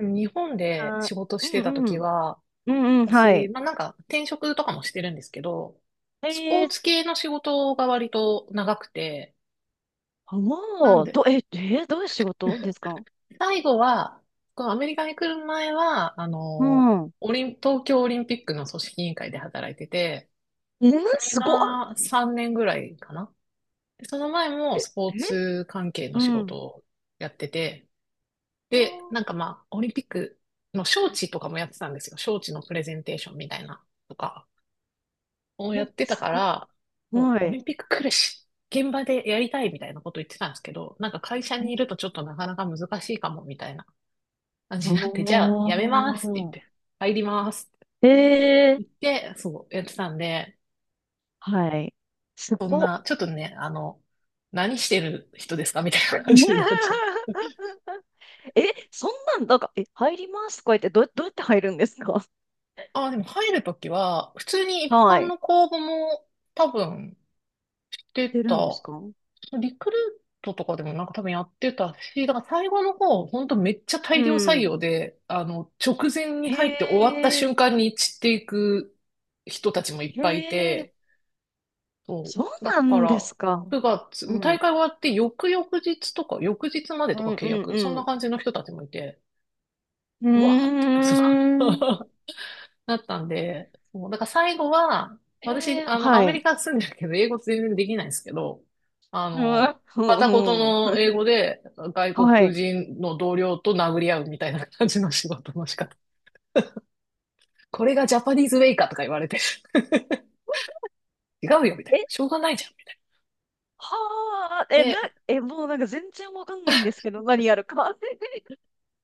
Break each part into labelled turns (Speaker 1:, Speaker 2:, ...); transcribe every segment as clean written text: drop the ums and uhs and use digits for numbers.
Speaker 1: 日本で
Speaker 2: あ、
Speaker 1: 仕事
Speaker 2: う
Speaker 1: してた
Speaker 2: んう
Speaker 1: 時
Speaker 2: ん。
Speaker 1: は、
Speaker 2: うんうん、は
Speaker 1: 私、
Speaker 2: い。
Speaker 1: まあなんか転職とかもしてるんですけど、スポ
Speaker 2: え
Speaker 1: ー
Speaker 2: ー、
Speaker 1: ツ系の仕事が割と長くて、
Speaker 2: あ
Speaker 1: なん
Speaker 2: もう、
Speaker 1: で、
Speaker 2: ど、え、え、どういう仕事で すか？
Speaker 1: 最後は、このアメリカに来る前は、
Speaker 2: うん。
Speaker 1: オリン、東京オリンピックの組織委員会で働いてて、
Speaker 2: えー、
Speaker 1: それ
Speaker 2: すごっ。
Speaker 1: が3年ぐらいかな。でその前も
Speaker 2: え、え、
Speaker 1: スポーツ関係の
Speaker 2: う
Speaker 1: 仕事
Speaker 2: ん。
Speaker 1: をやってて、
Speaker 2: あ
Speaker 1: で、なんかまあ、オリンピックの招致とかもやってたんですよ。招致のプレゼンテーションみたいなとか。を
Speaker 2: ー、
Speaker 1: やっ
Speaker 2: え、
Speaker 1: てた
Speaker 2: す
Speaker 1: か
Speaker 2: ごっ。
Speaker 1: ら、そう
Speaker 2: は
Speaker 1: オ
Speaker 2: い。
Speaker 1: リンピック来るし、現場でやりたいみたいなこと言ってたんですけど、なんか会社にいるとちょっとなかなか難しいかもみたいな感じ
Speaker 2: お
Speaker 1: になって、じゃあやめますって言って、
Speaker 2: ー。
Speaker 1: 入りますって
Speaker 2: えー、
Speaker 1: 言って、そう、やってたんで、
Speaker 2: はい。す
Speaker 1: そん
Speaker 2: ごっ。
Speaker 1: な、ちょっとね、何してる人ですかみたいな感じになっちゃう。
Speaker 2: え、そんなんか、入りますとか言って、どうやって入るんですか？
Speaker 1: あ、でも入るときは、普通に一
Speaker 2: は
Speaker 1: 般
Speaker 2: い。
Speaker 1: の公募も多分来て
Speaker 2: 出るんです
Speaker 1: た
Speaker 2: か？
Speaker 1: リクルートとかでもなんか多分やってたし、だから最後の方、ほんとめっちゃ
Speaker 2: う
Speaker 1: 大量採
Speaker 2: ん。
Speaker 1: 用で、直前に
Speaker 2: へ
Speaker 1: 入って終わった
Speaker 2: え、
Speaker 1: 瞬間に散っていく人たちもいっ
Speaker 2: へ
Speaker 1: ぱいい
Speaker 2: え。
Speaker 1: て、そ
Speaker 2: そう
Speaker 1: う。だ
Speaker 2: な
Speaker 1: か
Speaker 2: んで
Speaker 1: ら、
Speaker 2: すか。
Speaker 1: 9月、
Speaker 2: う
Speaker 1: もう大
Speaker 2: ん。
Speaker 1: 会終わって翌々日とか、翌日まで
Speaker 2: う
Speaker 1: とか
Speaker 2: ん
Speaker 1: 契約、そん
Speaker 2: う
Speaker 1: な
Speaker 2: ん
Speaker 1: 感じの人たちもいて、
Speaker 2: うん。
Speaker 1: うわーって、そ
Speaker 2: うーん。
Speaker 1: う だったんで、そう、だから最後は、私、
Speaker 2: えー、
Speaker 1: ア
Speaker 2: は
Speaker 1: メ
Speaker 2: い。
Speaker 1: リカ住んでるけど、英語全然できないんですけど、あ
Speaker 2: うん。
Speaker 1: の、
Speaker 2: う
Speaker 1: 片言
Speaker 2: んう
Speaker 1: の
Speaker 2: ん、
Speaker 1: 英語で外
Speaker 2: は
Speaker 1: 国
Speaker 2: い。
Speaker 1: 人の同僚と殴り合うみたいな感じの仕事の仕方。これがジャパニーズウェイかとか言われて、違うよみたいな。
Speaker 2: え、
Speaker 1: しょうがないじゃんみたい
Speaker 2: はあ、
Speaker 1: な。
Speaker 2: え、な、
Speaker 1: で、
Speaker 2: え、もうなんか全然わかんないんですけど、何やるか。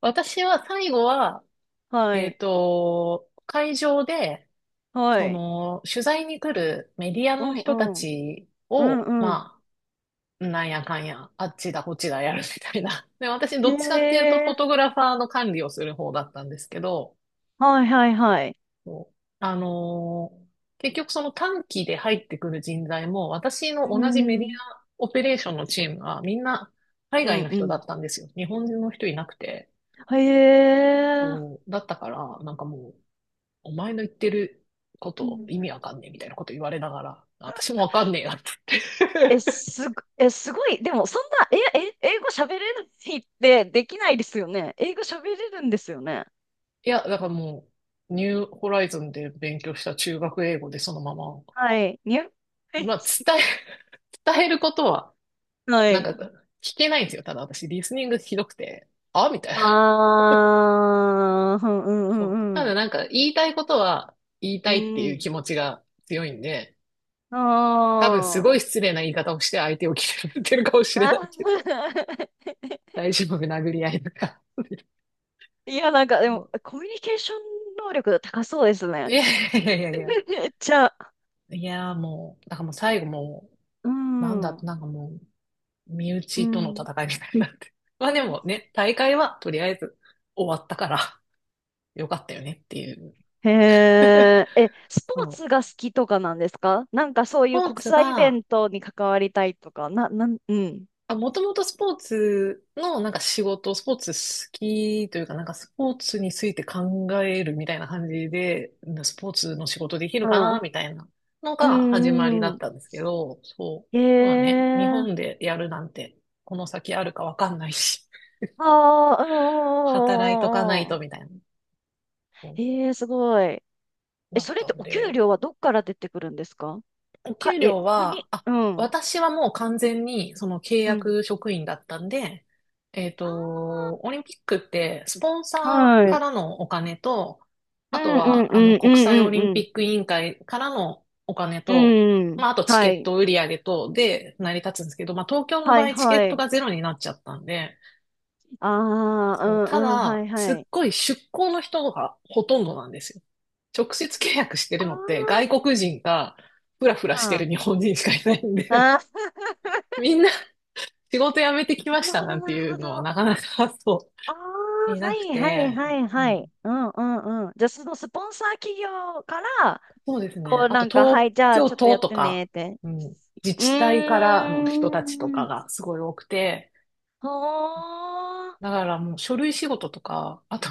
Speaker 1: 私は最後は、
Speaker 2: はい。
Speaker 1: 会場で、
Speaker 2: は
Speaker 1: そ
Speaker 2: い。
Speaker 1: の、取材に来るメディア
Speaker 2: う
Speaker 1: の
Speaker 2: ん
Speaker 1: 人た
Speaker 2: うん。
Speaker 1: ち
Speaker 2: う
Speaker 1: を、
Speaker 2: んうん。
Speaker 1: まあ、なんやかんや、あっちだこっちだやるみたいな。で、私
Speaker 2: へ
Speaker 1: どっちかっていうとフォ
Speaker 2: え。
Speaker 1: トグラファーの管理をする方だったんですけど、
Speaker 2: はいはいはい。
Speaker 1: そう結局その短期で入ってくる人材も、私
Speaker 2: う
Speaker 1: の同じメディ
Speaker 2: ん。
Speaker 1: アオペレーションのチームはみんな海
Speaker 2: う
Speaker 1: 外
Speaker 2: ん
Speaker 1: の人だ
Speaker 2: う
Speaker 1: ったんですよ。日本人の人いなくて。
Speaker 2: ん。へえ。
Speaker 1: そうだったから、なんかもう、お前の言ってること意味わかんねえみたいなこと言われながら、私もわかんねえなって
Speaker 2: え、すご、すごい。でも、そんな、英語喋れるってできないですよね。英語喋れるんですよね。
Speaker 1: いや、だからもう、ニューホライズンで勉強した中学英語でそのまま、
Speaker 2: はい。にゃ、はい。
Speaker 1: まあ、伝えることは、
Speaker 2: は
Speaker 1: なん
Speaker 2: い。
Speaker 1: か、聞けないんですよ。ただ私、リスニングひどくて、あみたいな。
Speaker 2: あー、うんうんうん
Speaker 1: そう。た
Speaker 2: う
Speaker 1: だ
Speaker 2: ん。
Speaker 1: なんか、言いたいことは、言い
Speaker 2: う
Speaker 1: たいっていう
Speaker 2: ん。
Speaker 1: 気持ちが強いんで、
Speaker 2: あ
Speaker 1: 多分すご
Speaker 2: ー。
Speaker 1: い失礼な言い方をして相手を決めてるかもしれない
Speaker 2: あ
Speaker 1: けど、
Speaker 2: ー。
Speaker 1: 大丈夫、殴り合いとか。
Speaker 2: いや、なんか、で
Speaker 1: も
Speaker 2: も、
Speaker 1: う
Speaker 2: コミュニケーション能力高そうです
Speaker 1: い
Speaker 2: ね。
Speaker 1: やいやいや。
Speaker 2: めっちゃ、
Speaker 1: いや、もう、だからもう最後も
Speaker 2: う
Speaker 1: う、なんだ、
Speaker 2: ん。う
Speaker 1: なんかもう、身内との戦
Speaker 2: ん。
Speaker 1: いみたいになって。まあでもね、大会はとりあえず終わったからよかったよねっていう。
Speaker 2: へ え、え、スポー
Speaker 1: そう。
Speaker 2: ツが好きとかなんですか？なんか
Speaker 1: ス
Speaker 2: そういう
Speaker 1: ポー
Speaker 2: 国
Speaker 1: ツ
Speaker 2: 際イベ
Speaker 1: が、
Speaker 2: ントに関わりたいとか、な、なん、うん。
Speaker 1: あ、もともとスポーツのなんか仕事、スポーツ好きというかなんかスポーツについて考えるみたいな感じで、スポーツの仕事できる
Speaker 2: う
Speaker 1: かな
Speaker 2: ん。
Speaker 1: みたいなの
Speaker 2: う
Speaker 1: が始まりだ
Speaker 2: ん、う
Speaker 1: っ
Speaker 2: ん。
Speaker 1: たんですけど、そ
Speaker 2: へ
Speaker 1: う。まあね、日
Speaker 2: え、
Speaker 1: 本でやるなんてこの先あるかわかんないし、
Speaker 2: ああ、う
Speaker 1: 働いとかない
Speaker 2: ん、うん、うん、う
Speaker 1: と
Speaker 2: ん。
Speaker 1: みたいな、そう
Speaker 2: へえ、すごい。え、
Speaker 1: だっ
Speaker 2: それっ
Speaker 1: た
Speaker 2: て
Speaker 1: ん
Speaker 2: お給
Speaker 1: で、
Speaker 2: 料はどっから出てくるんですか？
Speaker 1: お
Speaker 2: か、
Speaker 1: 給
Speaker 2: え、
Speaker 1: 料は、
Speaker 2: 国、
Speaker 1: あ、
Speaker 2: うん、
Speaker 1: 私はもう完全にその契
Speaker 2: うん。
Speaker 1: 約職員だったんで、
Speaker 2: あ
Speaker 1: オリンピックってスポン
Speaker 2: ー、
Speaker 1: サー
Speaker 2: は
Speaker 1: か
Speaker 2: い。
Speaker 1: らのお金と、
Speaker 2: う
Speaker 1: あと
Speaker 2: ん、うん、
Speaker 1: はあの
Speaker 2: うん、う
Speaker 1: 国際オ
Speaker 2: ん、
Speaker 1: リン
Speaker 2: うん、
Speaker 1: ピック委員会からのお金
Speaker 2: う
Speaker 1: と、
Speaker 2: ん。うん。
Speaker 1: まあ、あとチ
Speaker 2: は
Speaker 1: ケッ
Speaker 2: い。
Speaker 1: ト売り上げとで成り立つんですけど、まあ、東京の
Speaker 2: は
Speaker 1: 場
Speaker 2: い、
Speaker 1: 合チケ
Speaker 2: は
Speaker 1: ット
Speaker 2: い。
Speaker 1: がゼロになっちゃったんで、
Speaker 2: ああ、
Speaker 1: そう
Speaker 2: う
Speaker 1: た
Speaker 2: ん、うん、は
Speaker 1: だ、
Speaker 2: い、は
Speaker 1: すっ
Speaker 2: い。
Speaker 1: ごい出向の人がほとんどなんですよ。直接契約してるのって外
Speaker 2: あ
Speaker 1: 国人かフラフラしてる
Speaker 2: あ。
Speaker 1: 日本人しかいないんで
Speaker 2: あ
Speaker 1: みんな仕事辞めてき
Speaker 2: ー、
Speaker 1: まし
Speaker 2: なる
Speaker 1: た
Speaker 2: ほ
Speaker 1: な
Speaker 2: ど、
Speaker 1: んて
Speaker 2: なる
Speaker 1: いう
Speaker 2: ほど。
Speaker 1: のは
Speaker 2: あ
Speaker 1: なかなかそ
Speaker 2: あ、
Speaker 1: うい
Speaker 2: は
Speaker 1: なく
Speaker 2: いはい
Speaker 1: て、
Speaker 2: はいは
Speaker 1: う
Speaker 2: い。
Speaker 1: ん、
Speaker 2: うんうんうん。じゃあ、そのスポンサー企業から、
Speaker 1: そうですね。
Speaker 2: こう
Speaker 1: あ
Speaker 2: な
Speaker 1: と
Speaker 2: んか、は
Speaker 1: 東
Speaker 2: い、じゃあ
Speaker 1: 京
Speaker 2: ちょっとや
Speaker 1: 都
Speaker 2: っ
Speaker 1: と
Speaker 2: てね
Speaker 1: か、
Speaker 2: って。
Speaker 1: うん、自
Speaker 2: う
Speaker 1: 治体からの人たちと
Speaker 2: ー
Speaker 1: か
Speaker 2: ん。
Speaker 1: がすごい多くて、
Speaker 2: ほー。
Speaker 1: だからもう書類仕事とか、あと、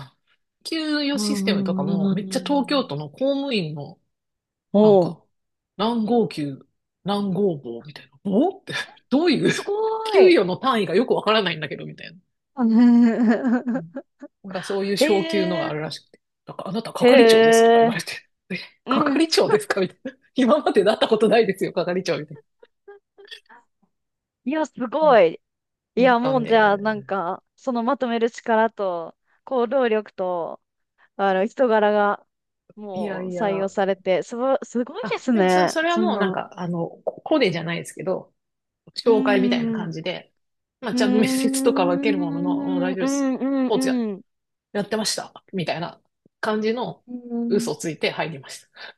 Speaker 1: 給与
Speaker 2: う
Speaker 1: システムとかも
Speaker 2: ー
Speaker 1: めっちゃ東京都
Speaker 2: ん、
Speaker 1: の公務員のなん
Speaker 2: おう。
Speaker 1: か、何号球、何号棒みたいな。棒って、どういう、
Speaker 2: すご ー
Speaker 1: 給
Speaker 2: い。
Speaker 1: 与の単位がよくわからないんだけど、みたいな。う んなんかそういう昇級のが
Speaker 2: え
Speaker 1: あ
Speaker 2: ー、
Speaker 1: るらしくて。なんかあなた
Speaker 2: へ
Speaker 1: 係長ですとか言われ
Speaker 2: え。
Speaker 1: て。え、
Speaker 2: う
Speaker 1: 係
Speaker 2: ん。
Speaker 1: 長ですかみたいな。今までなったことないですよ、係長みたい
Speaker 2: いや、す
Speaker 1: な。うん
Speaker 2: ごい。い
Speaker 1: なっ
Speaker 2: や、
Speaker 1: た
Speaker 2: も
Speaker 1: ん
Speaker 2: うじゃあ、なん
Speaker 1: で。
Speaker 2: か、そのまとめる力と、行動力と、あの人柄が、
Speaker 1: いや
Speaker 2: もう
Speaker 1: い
Speaker 2: 採
Speaker 1: や。
Speaker 2: 用されて、すごいで
Speaker 1: あ、
Speaker 2: す
Speaker 1: でもそ、
Speaker 2: ね。
Speaker 1: それは
Speaker 2: そん
Speaker 1: もうなん
Speaker 2: な。
Speaker 1: か、ココネじゃないですけど、
Speaker 2: うー
Speaker 1: 紹介みたいな
Speaker 2: ん、う
Speaker 1: 感じで、まあ
Speaker 2: ー
Speaker 1: ちゃんと面接とかは受けるものの、もう
Speaker 2: ん、
Speaker 1: 大
Speaker 2: うん、
Speaker 1: 丈夫です。ス
Speaker 2: うん、
Speaker 1: ポーツや
Speaker 2: うん。
Speaker 1: ってました。みたいな感じの
Speaker 2: うん、
Speaker 1: 嘘ついて入りました。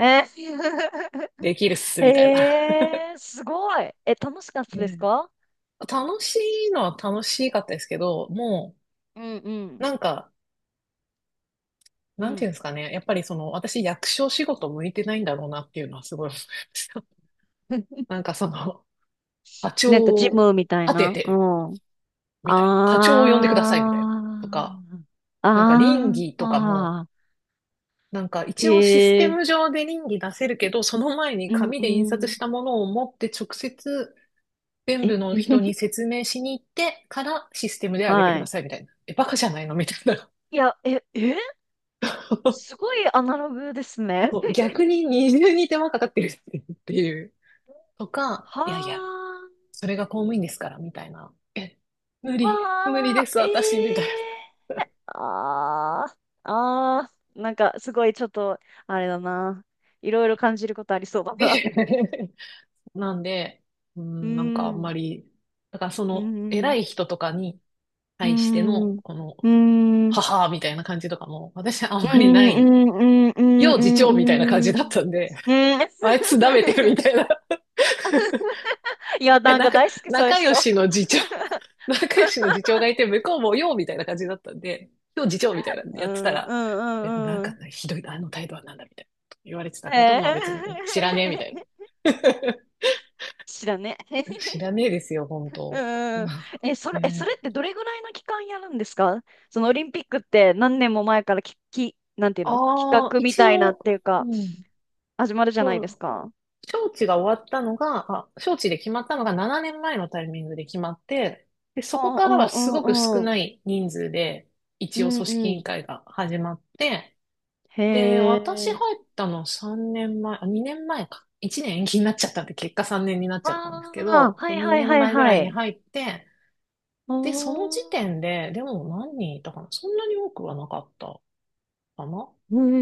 Speaker 2: え。
Speaker 1: できるっす、みたいな。
Speaker 2: えー、すごい。え、楽しかったですか？
Speaker 1: 楽しいのは楽しかったですけど、も
Speaker 2: うん、う
Speaker 1: う、
Speaker 2: ん、
Speaker 1: なんか、
Speaker 2: う
Speaker 1: なんてい
Speaker 2: ん。
Speaker 1: うんですかね。やっぱりその、私役所仕事向いてないんだろうなっていうのはすごい思いました。なんかその、課
Speaker 2: なんか
Speaker 1: 長
Speaker 2: ジ
Speaker 1: を
Speaker 2: ムみたい
Speaker 1: 立て
Speaker 2: な。う
Speaker 1: て、
Speaker 2: ん。
Speaker 1: みたいな。課長
Speaker 2: あ
Speaker 1: を呼んでください、みたいな。とか、
Speaker 2: あ、
Speaker 1: なんか倫理とかも、
Speaker 2: あー、あ
Speaker 1: なんか
Speaker 2: ー、
Speaker 1: 一応シス
Speaker 2: へ
Speaker 1: テ
Speaker 2: え、
Speaker 1: ム上で倫理出せるけど、その前に
Speaker 2: うん
Speaker 1: 紙で印
Speaker 2: う
Speaker 1: 刷
Speaker 2: ん。
Speaker 1: したものを持って直接全
Speaker 2: え。
Speaker 1: 部の人に 説明しに行ってからシステムで上げて
Speaker 2: は
Speaker 1: くだ
Speaker 2: い。
Speaker 1: さいみたいな。え、バカじゃないのみたいな。
Speaker 2: いや、え、えー、す ごいアナログですね。
Speaker 1: そう 逆に二重に手間かかってるっていう。とか、いやいや、
Speaker 2: は
Speaker 1: それが公務員ですからみたいな。え、
Speaker 2: あ、
Speaker 1: 無理
Speaker 2: は
Speaker 1: で
Speaker 2: あ、
Speaker 1: す、
Speaker 2: え
Speaker 1: 私、みたいな。
Speaker 2: え、ああ、ああ、なんかすごいちょっと、あれだな。いろいろ感じることありそうだな。
Speaker 1: なんで、う
Speaker 2: うー
Speaker 1: ん、なんかあん
Speaker 2: ん、
Speaker 1: まり、だからそ
Speaker 2: うー
Speaker 1: の
Speaker 2: ん、
Speaker 1: 偉い人とかに
Speaker 2: うー
Speaker 1: 対しての、
Speaker 2: ん、う
Speaker 1: この、
Speaker 2: ーん、うーん、う
Speaker 1: 母みたいな感じとかも、私はあんま
Speaker 2: ーん、う
Speaker 1: りな
Speaker 2: ー
Speaker 1: い。
Speaker 2: ん、うー
Speaker 1: よう次
Speaker 2: ん、うー
Speaker 1: 長みたいな感じだっ
Speaker 2: ん、うーん。
Speaker 1: たんで、あいつ舐めてるみ
Speaker 2: う
Speaker 1: た
Speaker 2: ん。
Speaker 1: いな
Speaker 2: いや、
Speaker 1: え、
Speaker 2: なん
Speaker 1: な
Speaker 2: か
Speaker 1: か、
Speaker 2: 大好き、そういう
Speaker 1: 仲良
Speaker 2: 人。
Speaker 1: しの次長、仲良しの次長がいて、向こうもようみたいな感じだったんで、今日次長みたいなの
Speaker 2: う
Speaker 1: やってた
Speaker 2: ん、
Speaker 1: ら、
Speaker 2: うん、う
Speaker 1: え、なん
Speaker 2: ん、う
Speaker 1: か
Speaker 2: ん。
Speaker 1: ねひどい、あの態度はなんだみたいなこと言われて
Speaker 2: へ
Speaker 1: たけど、まあ
Speaker 2: え。
Speaker 1: 別に知らねえみたいな。
Speaker 2: 知らね。
Speaker 1: 知らねえですよ、本
Speaker 2: う
Speaker 1: 当。
Speaker 2: ん、 え、それ、え、そ
Speaker 1: ね、
Speaker 2: れってどれぐらいの期間やるんですか？そのオリンピックって何年も前からなんていうの、企
Speaker 1: ああ、
Speaker 2: 画み
Speaker 1: 一
Speaker 2: たいなっ
Speaker 1: 応、
Speaker 2: ていう
Speaker 1: う
Speaker 2: か、
Speaker 1: ん、
Speaker 2: 始まるじゃない
Speaker 1: そ
Speaker 2: です
Speaker 1: う、
Speaker 2: か。
Speaker 1: 招致が終わったのが、あ、招致で決まったのが7年前のタイミングで決まって、で、そこ
Speaker 2: は
Speaker 1: か
Speaker 2: あ、う
Speaker 1: ら
Speaker 2: ん
Speaker 1: は
Speaker 2: う
Speaker 1: す
Speaker 2: ん
Speaker 1: ご
Speaker 2: う
Speaker 1: く少
Speaker 2: んうん。
Speaker 1: ない人数で、
Speaker 2: う
Speaker 1: 一応
Speaker 2: ん
Speaker 1: 組
Speaker 2: う
Speaker 1: 織委員
Speaker 2: ん。
Speaker 1: 会が始まって、
Speaker 2: へ
Speaker 1: で、私入
Speaker 2: え。
Speaker 1: ったの3年前、あ、2年前か。1年延期になっちゃったんで、結果3年になっちゃったんですけ
Speaker 2: ああ、
Speaker 1: ど、
Speaker 2: は
Speaker 1: そ
Speaker 2: いはい
Speaker 1: 2
Speaker 2: はい
Speaker 1: 年前ぐ
Speaker 2: は
Speaker 1: らいに
Speaker 2: い。
Speaker 1: 入って、で、その時
Speaker 2: お
Speaker 1: 点で、でも何人いたかなそんなに多くはなかったかな、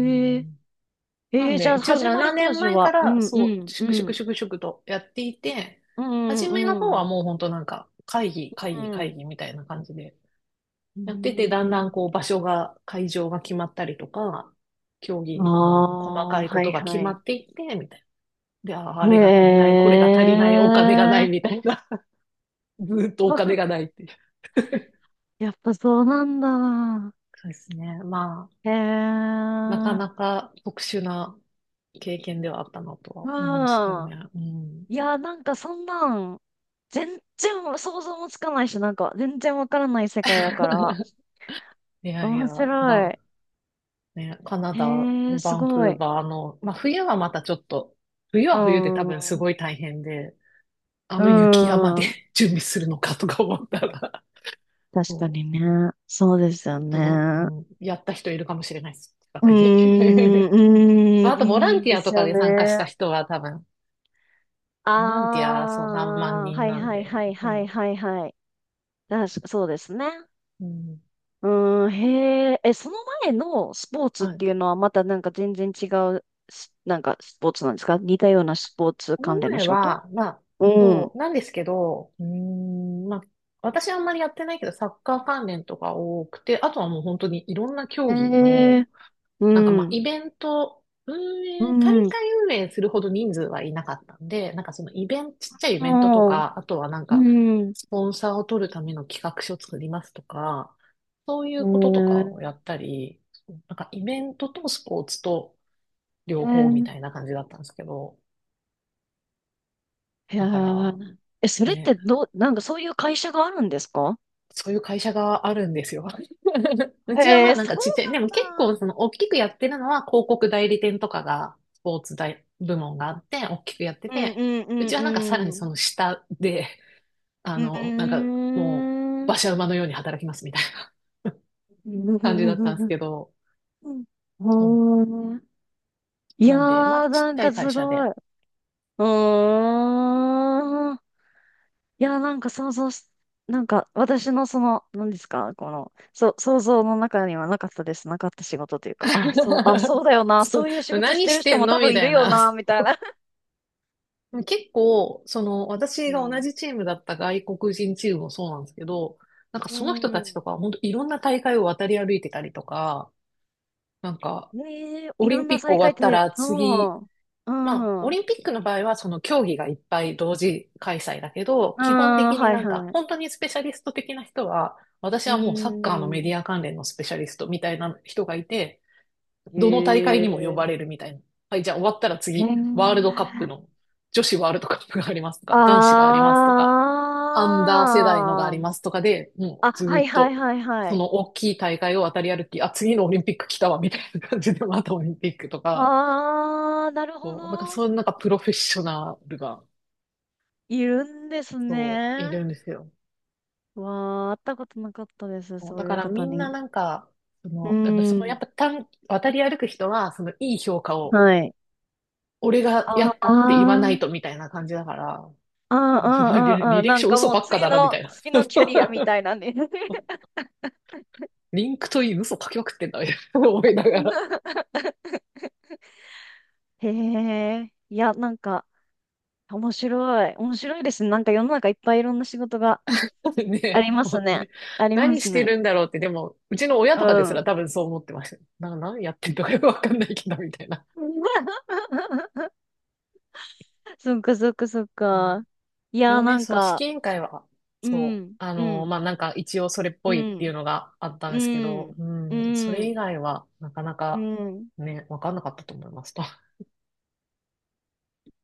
Speaker 1: う
Speaker 2: へえ。
Speaker 1: ん、な
Speaker 2: え
Speaker 1: ん
Speaker 2: ー、じゃ
Speaker 1: で、
Speaker 2: あ
Speaker 1: 一応
Speaker 2: 始まり
Speaker 1: 7
Speaker 2: 当
Speaker 1: 年
Speaker 2: 時
Speaker 1: 前か
Speaker 2: は、う
Speaker 1: ら、
Speaker 2: んう
Speaker 1: そう、
Speaker 2: んう
Speaker 1: 粛々
Speaker 2: ん。
Speaker 1: 粛々とやっていて、
Speaker 2: う
Speaker 1: 初
Speaker 2: んう
Speaker 1: めの方
Speaker 2: んう
Speaker 1: は
Speaker 2: ん。
Speaker 1: もう本当なんか、
Speaker 2: う
Speaker 1: 会
Speaker 2: ん。
Speaker 1: 議みたいな感じで、
Speaker 2: う
Speaker 1: やってて、だんだんこ
Speaker 2: ん、
Speaker 1: う場所が、会場が決まったりとか、競
Speaker 2: あ
Speaker 1: 技の細か
Speaker 2: あ、
Speaker 1: いこ
Speaker 2: はい
Speaker 1: とが
Speaker 2: は
Speaker 1: 決ま
Speaker 2: い。
Speaker 1: っていって、みたいな。で、あー
Speaker 2: へ
Speaker 1: あれが足りない、これが足りない、お金がない、
Speaker 2: え。
Speaker 1: みたいな。ずーっと お
Speaker 2: あ、
Speaker 1: 金がないっていう。
Speaker 2: やっぱそうなんだ。
Speaker 1: そうですね。まあ、
Speaker 2: へ
Speaker 1: なかな
Speaker 2: え。
Speaker 1: か特殊な経験ではあったなとは
Speaker 2: う
Speaker 1: 思うんですけどね。
Speaker 2: ん。
Speaker 1: うん。
Speaker 2: いや、なんかそんなん、全然想像もつかないし、なんか全然わからない世界だから、
Speaker 1: いやいや、
Speaker 2: 面白
Speaker 1: な、
Speaker 2: い。
Speaker 1: ね、カナ
Speaker 2: へ
Speaker 1: ダの
Speaker 2: え、す
Speaker 1: バンク
Speaker 2: ご
Speaker 1: ー
Speaker 2: い。
Speaker 1: バーの、まあ冬はまたちょっと、冬
Speaker 2: う
Speaker 1: は冬で多分す
Speaker 2: ん。
Speaker 1: ごい大変で、あ
Speaker 2: う
Speaker 1: の雪山で
Speaker 2: ん。
Speaker 1: 準備するのかとか思ったら、
Speaker 2: 確か
Speaker 1: そう、
Speaker 2: にね。そうですよ
Speaker 1: と
Speaker 2: ね。
Speaker 1: やった人いるかもしれないです。近
Speaker 2: うー
Speaker 1: く
Speaker 2: ん、
Speaker 1: に。
Speaker 2: う
Speaker 1: まあ
Speaker 2: ー
Speaker 1: あ
Speaker 2: ん、
Speaker 1: と、ボラ
Speaker 2: い
Speaker 1: ン
Speaker 2: い
Speaker 1: テ
Speaker 2: で
Speaker 1: ィアと
Speaker 2: す
Speaker 1: か
Speaker 2: よ
Speaker 1: で参加した
Speaker 2: ね。
Speaker 1: 人は多分、
Speaker 2: あ
Speaker 1: ボランティア、そう、何万
Speaker 2: あ、は
Speaker 1: 人
Speaker 2: い
Speaker 1: なん
Speaker 2: はい
Speaker 1: で、
Speaker 2: はいはい
Speaker 1: そ
Speaker 2: はいはい。だ、そうですね。
Speaker 1: う、うん。
Speaker 2: うーん、へえ。え、その前のスポーツっ
Speaker 1: はい。
Speaker 2: ていうのはまたなんか全然違うし、なんかスポーツなんですか？似たようなスポーツ
Speaker 1: その
Speaker 2: 関連の
Speaker 1: 前
Speaker 2: 仕事。
Speaker 1: は、まあ、
Speaker 2: う
Speaker 1: そ
Speaker 2: ん。
Speaker 1: う、なんですけど、うーん、まあ、私はあんまりやってないけど、サッカー関連とか多くて、あとはもう本当にいろんな競
Speaker 2: へ
Speaker 1: 技の、
Speaker 2: え。う
Speaker 1: なんかまあ、
Speaker 2: ん。
Speaker 1: イベント、運
Speaker 2: う
Speaker 1: 営、大
Speaker 2: ん。は
Speaker 1: 会運営するほど人数はいなかったんで、なんかそのイベント、ちっちゃいイベントと
Speaker 2: あ。
Speaker 1: か、あとはなん
Speaker 2: う
Speaker 1: か、
Speaker 2: ん。
Speaker 1: スポンサーを取るための企画書作りますとか、そうい
Speaker 2: へ
Speaker 1: うこととかを
Speaker 2: え。
Speaker 1: やったり、なんかイベントとスポーツと両
Speaker 2: へ
Speaker 1: 方み
Speaker 2: え。
Speaker 1: たいな感じだったんですけど、
Speaker 2: へ
Speaker 1: だから、
Speaker 2: え。え、それっ
Speaker 1: ね、
Speaker 2: てどう、なんかそういう会社があるんですか？
Speaker 1: そういう会社があるんですよ。うちはま
Speaker 2: へ
Speaker 1: あ
Speaker 2: え、
Speaker 1: なん
Speaker 2: そう
Speaker 1: かちっちゃい、でも結
Speaker 2: なん
Speaker 1: 構
Speaker 2: だ。
Speaker 1: その大きくやってるのは広告代理店とかがスポーツ大部門があって大きくやって
Speaker 2: うんう
Speaker 1: て、
Speaker 2: んう
Speaker 1: うちはなんかさら
Speaker 2: ん
Speaker 1: に
Speaker 2: う
Speaker 1: そ
Speaker 2: ん。
Speaker 1: の下で、あ
Speaker 2: う
Speaker 1: の、なんかも
Speaker 2: ー
Speaker 1: 馬
Speaker 2: ん。
Speaker 1: 車馬のように働きますみたいな 感じだったんですけ
Speaker 2: う
Speaker 1: ど、
Speaker 2: ん。
Speaker 1: そう。
Speaker 2: うん。い
Speaker 1: な
Speaker 2: や
Speaker 1: んで、まあ
Speaker 2: ー、
Speaker 1: ち
Speaker 2: な
Speaker 1: っち
Speaker 2: ん
Speaker 1: ゃ
Speaker 2: か
Speaker 1: い会
Speaker 2: す
Speaker 1: 社
Speaker 2: ごい。
Speaker 1: で。
Speaker 2: うーん。いやー、なんか想像し、なんか私のその、何ですか、この、そう、想像の中にはなかったです。なかった仕事というか、あ、そう、あ、そ うだよな。
Speaker 1: そ
Speaker 2: そういう仕
Speaker 1: う
Speaker 2: 事し
Speaker 1: 何
Speaker 2: てる
Speaker 1: し
Speaker 2: 人
Speaker 1: てん
Speaker 2: も
Speaker 1: の
Speaker 2: 多
Speaker 1: み
Speaker 2: 分い
Speaker 1: た
Speaker 2: る
Speaker 1: い
Speaker 2: よ
Speaker 1: な。
Speaker 2: な、みたいな。
Speaker 1: 結構、その、私
Speaker 2: う
Speaker 1: が同
Speaker 2: ん。
Speaker 1: じチームだった外国人チームもそうなんですけど、なんか
Speaker 2: う
Speaker 1: その人たちと
Speaker 2: ん。
Speaker 1: かは本当いろんな大会を渡り歩いてたりとか、なんか、
Speaker 2: ねえ、
Speaker 1: オ
Speaker 2: い
Speaker 1: リ
Speaker 2: ろ
Speaker 1: ン
Speaker 2: ん
Speaker 1: ピッ
Speaker 2: な
Speaker 1: ク
Speaker 2: 再
Speaker 1: 終
Speaker 2: 会っ
Speaker 1: わった
Speaker 2: て、
Speaker 1: ら
Speaker 2: う
Speaker 1: 次、
Speaker 2: ん。う
Speaker 1: まあ、
Speaker 2: ん。
Speaker 1: オ
Speaker 2: う
Speaker 1: リンピックの場合はその競技がいっぱい同時開催だけど、基本
Speaker 2: ん、
Speaker 1: 的に
Speaker 2: はい
Speaker 1: なんか、
Speaker 2: はい。
Speaker 1: 本当にスペシャリスト的な人は、私
Speaker 2: う
Speaker 1: はもうサッカーのメデ
Speaker 2: ん。
Speaker 1: ィア関連のスペシャリストみたいな人がいて、
Speaker 2: へ
Speaker 1: どの大会にも呼ば
Speaker 2: え。
Speaker 1: れるみたいな。はい、じゃあ終わったら
Speaker 2: へ
Speaker 1: 次、ワールドカップ
Speaker 2: え。
Speaker 1: の、女子ワールドカップがありますとか、男子があり
Speaker 2: あ
Speaker 1: ますとか、アンダー世代のがあ
Speaker 2: あ。
Speaker 1: りますとかで、もう
Speaker 2: あ、
Speaker 1: ずー
Speaker 2: は
Speaker 1: っ
Speaker 2: いはい
Speaker 1: と、
Speaker 2: はいは
Speaker 1: そ
Speaker 2: い。
Speaker 1: の大きい大会を渡り歩き、あ、次のオリンピック来たわ、みたいな感じで、またオリンピックとか、
Speaker 2: あー、なるほ
Speaker 1: そう、なんかそ
Speaker 2: ど。
Speaker 1: ういうなんかプロフェッショナルが、
Speaker 2: いるんです
Speaker 1: そう、い
Speaker 2: ね。
Speaker 1: るんですよ。
Speaker 2: わー、会ったことなかったです、
Speaker 1: そう
Speaker 2: そ
Speaker 1: だ
Speaker 2: うい
Speaker 1: か
Speaker 2: う
Speaker 1: らみ
Speaker 2: 方
Speaker 1: んな
Speaker 2: に。
Speaker 1: なんか、そ
Speaker 2: う
Speaker 1: の、やっぱその、やっ
Speaker 2: ん。
Speaker 1: ぱ渡り歩く人は、そのいい評価を、
Speaker 2: はい。
Speaker 1: 俺がや
Speaker 2: あー、
Speaker 1: った
Speaker 2: あ
Speaker 1: って言わない
Speaker 2: ー、
Speaker 1: とみたいな感じだから、
Speaker 2: あー、
Speaker 1: すごい、
Speaker 2: あー、あ
Speaker 1: 履
Speaker 2: ー、
Speaker 1: 歴
Speaker 2: なん
Speaker 1: 書
Speaker 2: か
Speaker 1: 嘘
Speaker 2: もう
Speaker 1: ばっか
Speaker 2: 次
Speaker 1: だな、みた
Speaker 2: の、
Speaker 1: いな。
Speaker 2: 次のキャリアみ たいなね。
Speaker 1: リンクといい嘘書きまくってんだ、みたいな思いながら。
Speaker 2: へえ、いや、なんか、面白い。面白いですね。なんか世の中いっぱいいろんな仕事が あ
Speaker 1: ね、
Speaker 2: りま
Speaker 1: 本
Speaker 2: す
Speaker 1: 当
Speaker 2: ね。
Speaker 1: に。
Speaker 2: ありま
Speaker 1: 何
Speaker 2: す
Speaker 1: して
Speaker 2: ね。
Speaker 1: るんだろうって、でも、うちの親
Speaker 2: う
Speaker 1: とかです
Speaker 2: ん。
Speaker 1: ら多分そう思ってました。何やってんのかよくわかんないけど、みたいな。
Speaker 2: そっかそっかそっ
Speaker 1: うん。
Speaker 2: か。い
Speaker 1: で
Speaker 2: や、
Speaker 1: も
Speaker 2: な
Speaker 1: ね、
Speaker 2: ん
Speaker 1: 組
Speaker 2: か、
Speaker 1: 織委員会は、
Speaker 2: う
Speaker 1: そう、
Speaker 2: ん、
Speaker 1: あ
Speaker 2: う
Speaker 1: の、
Speaker 2: ん、
Speaker 1: まあ、なんか一応それっ
Speaker 2: う
Speaker 1: ぽいってい
Speaker 2: ん、
Speaker 1: うのがあったん
Speaker 2: う
Speaker 1: ですけど、
Speaker 2: ん、
Speaker 1: う
Speaker 2: う
Speaker 1: ん、それ以
Speaker 2: ん、
Speaker 1: 外はなかな
Speaker 2: う
Speaker 1: か
Speaker 2: ん。
Speaker 1: ね、わかんなかったと思います。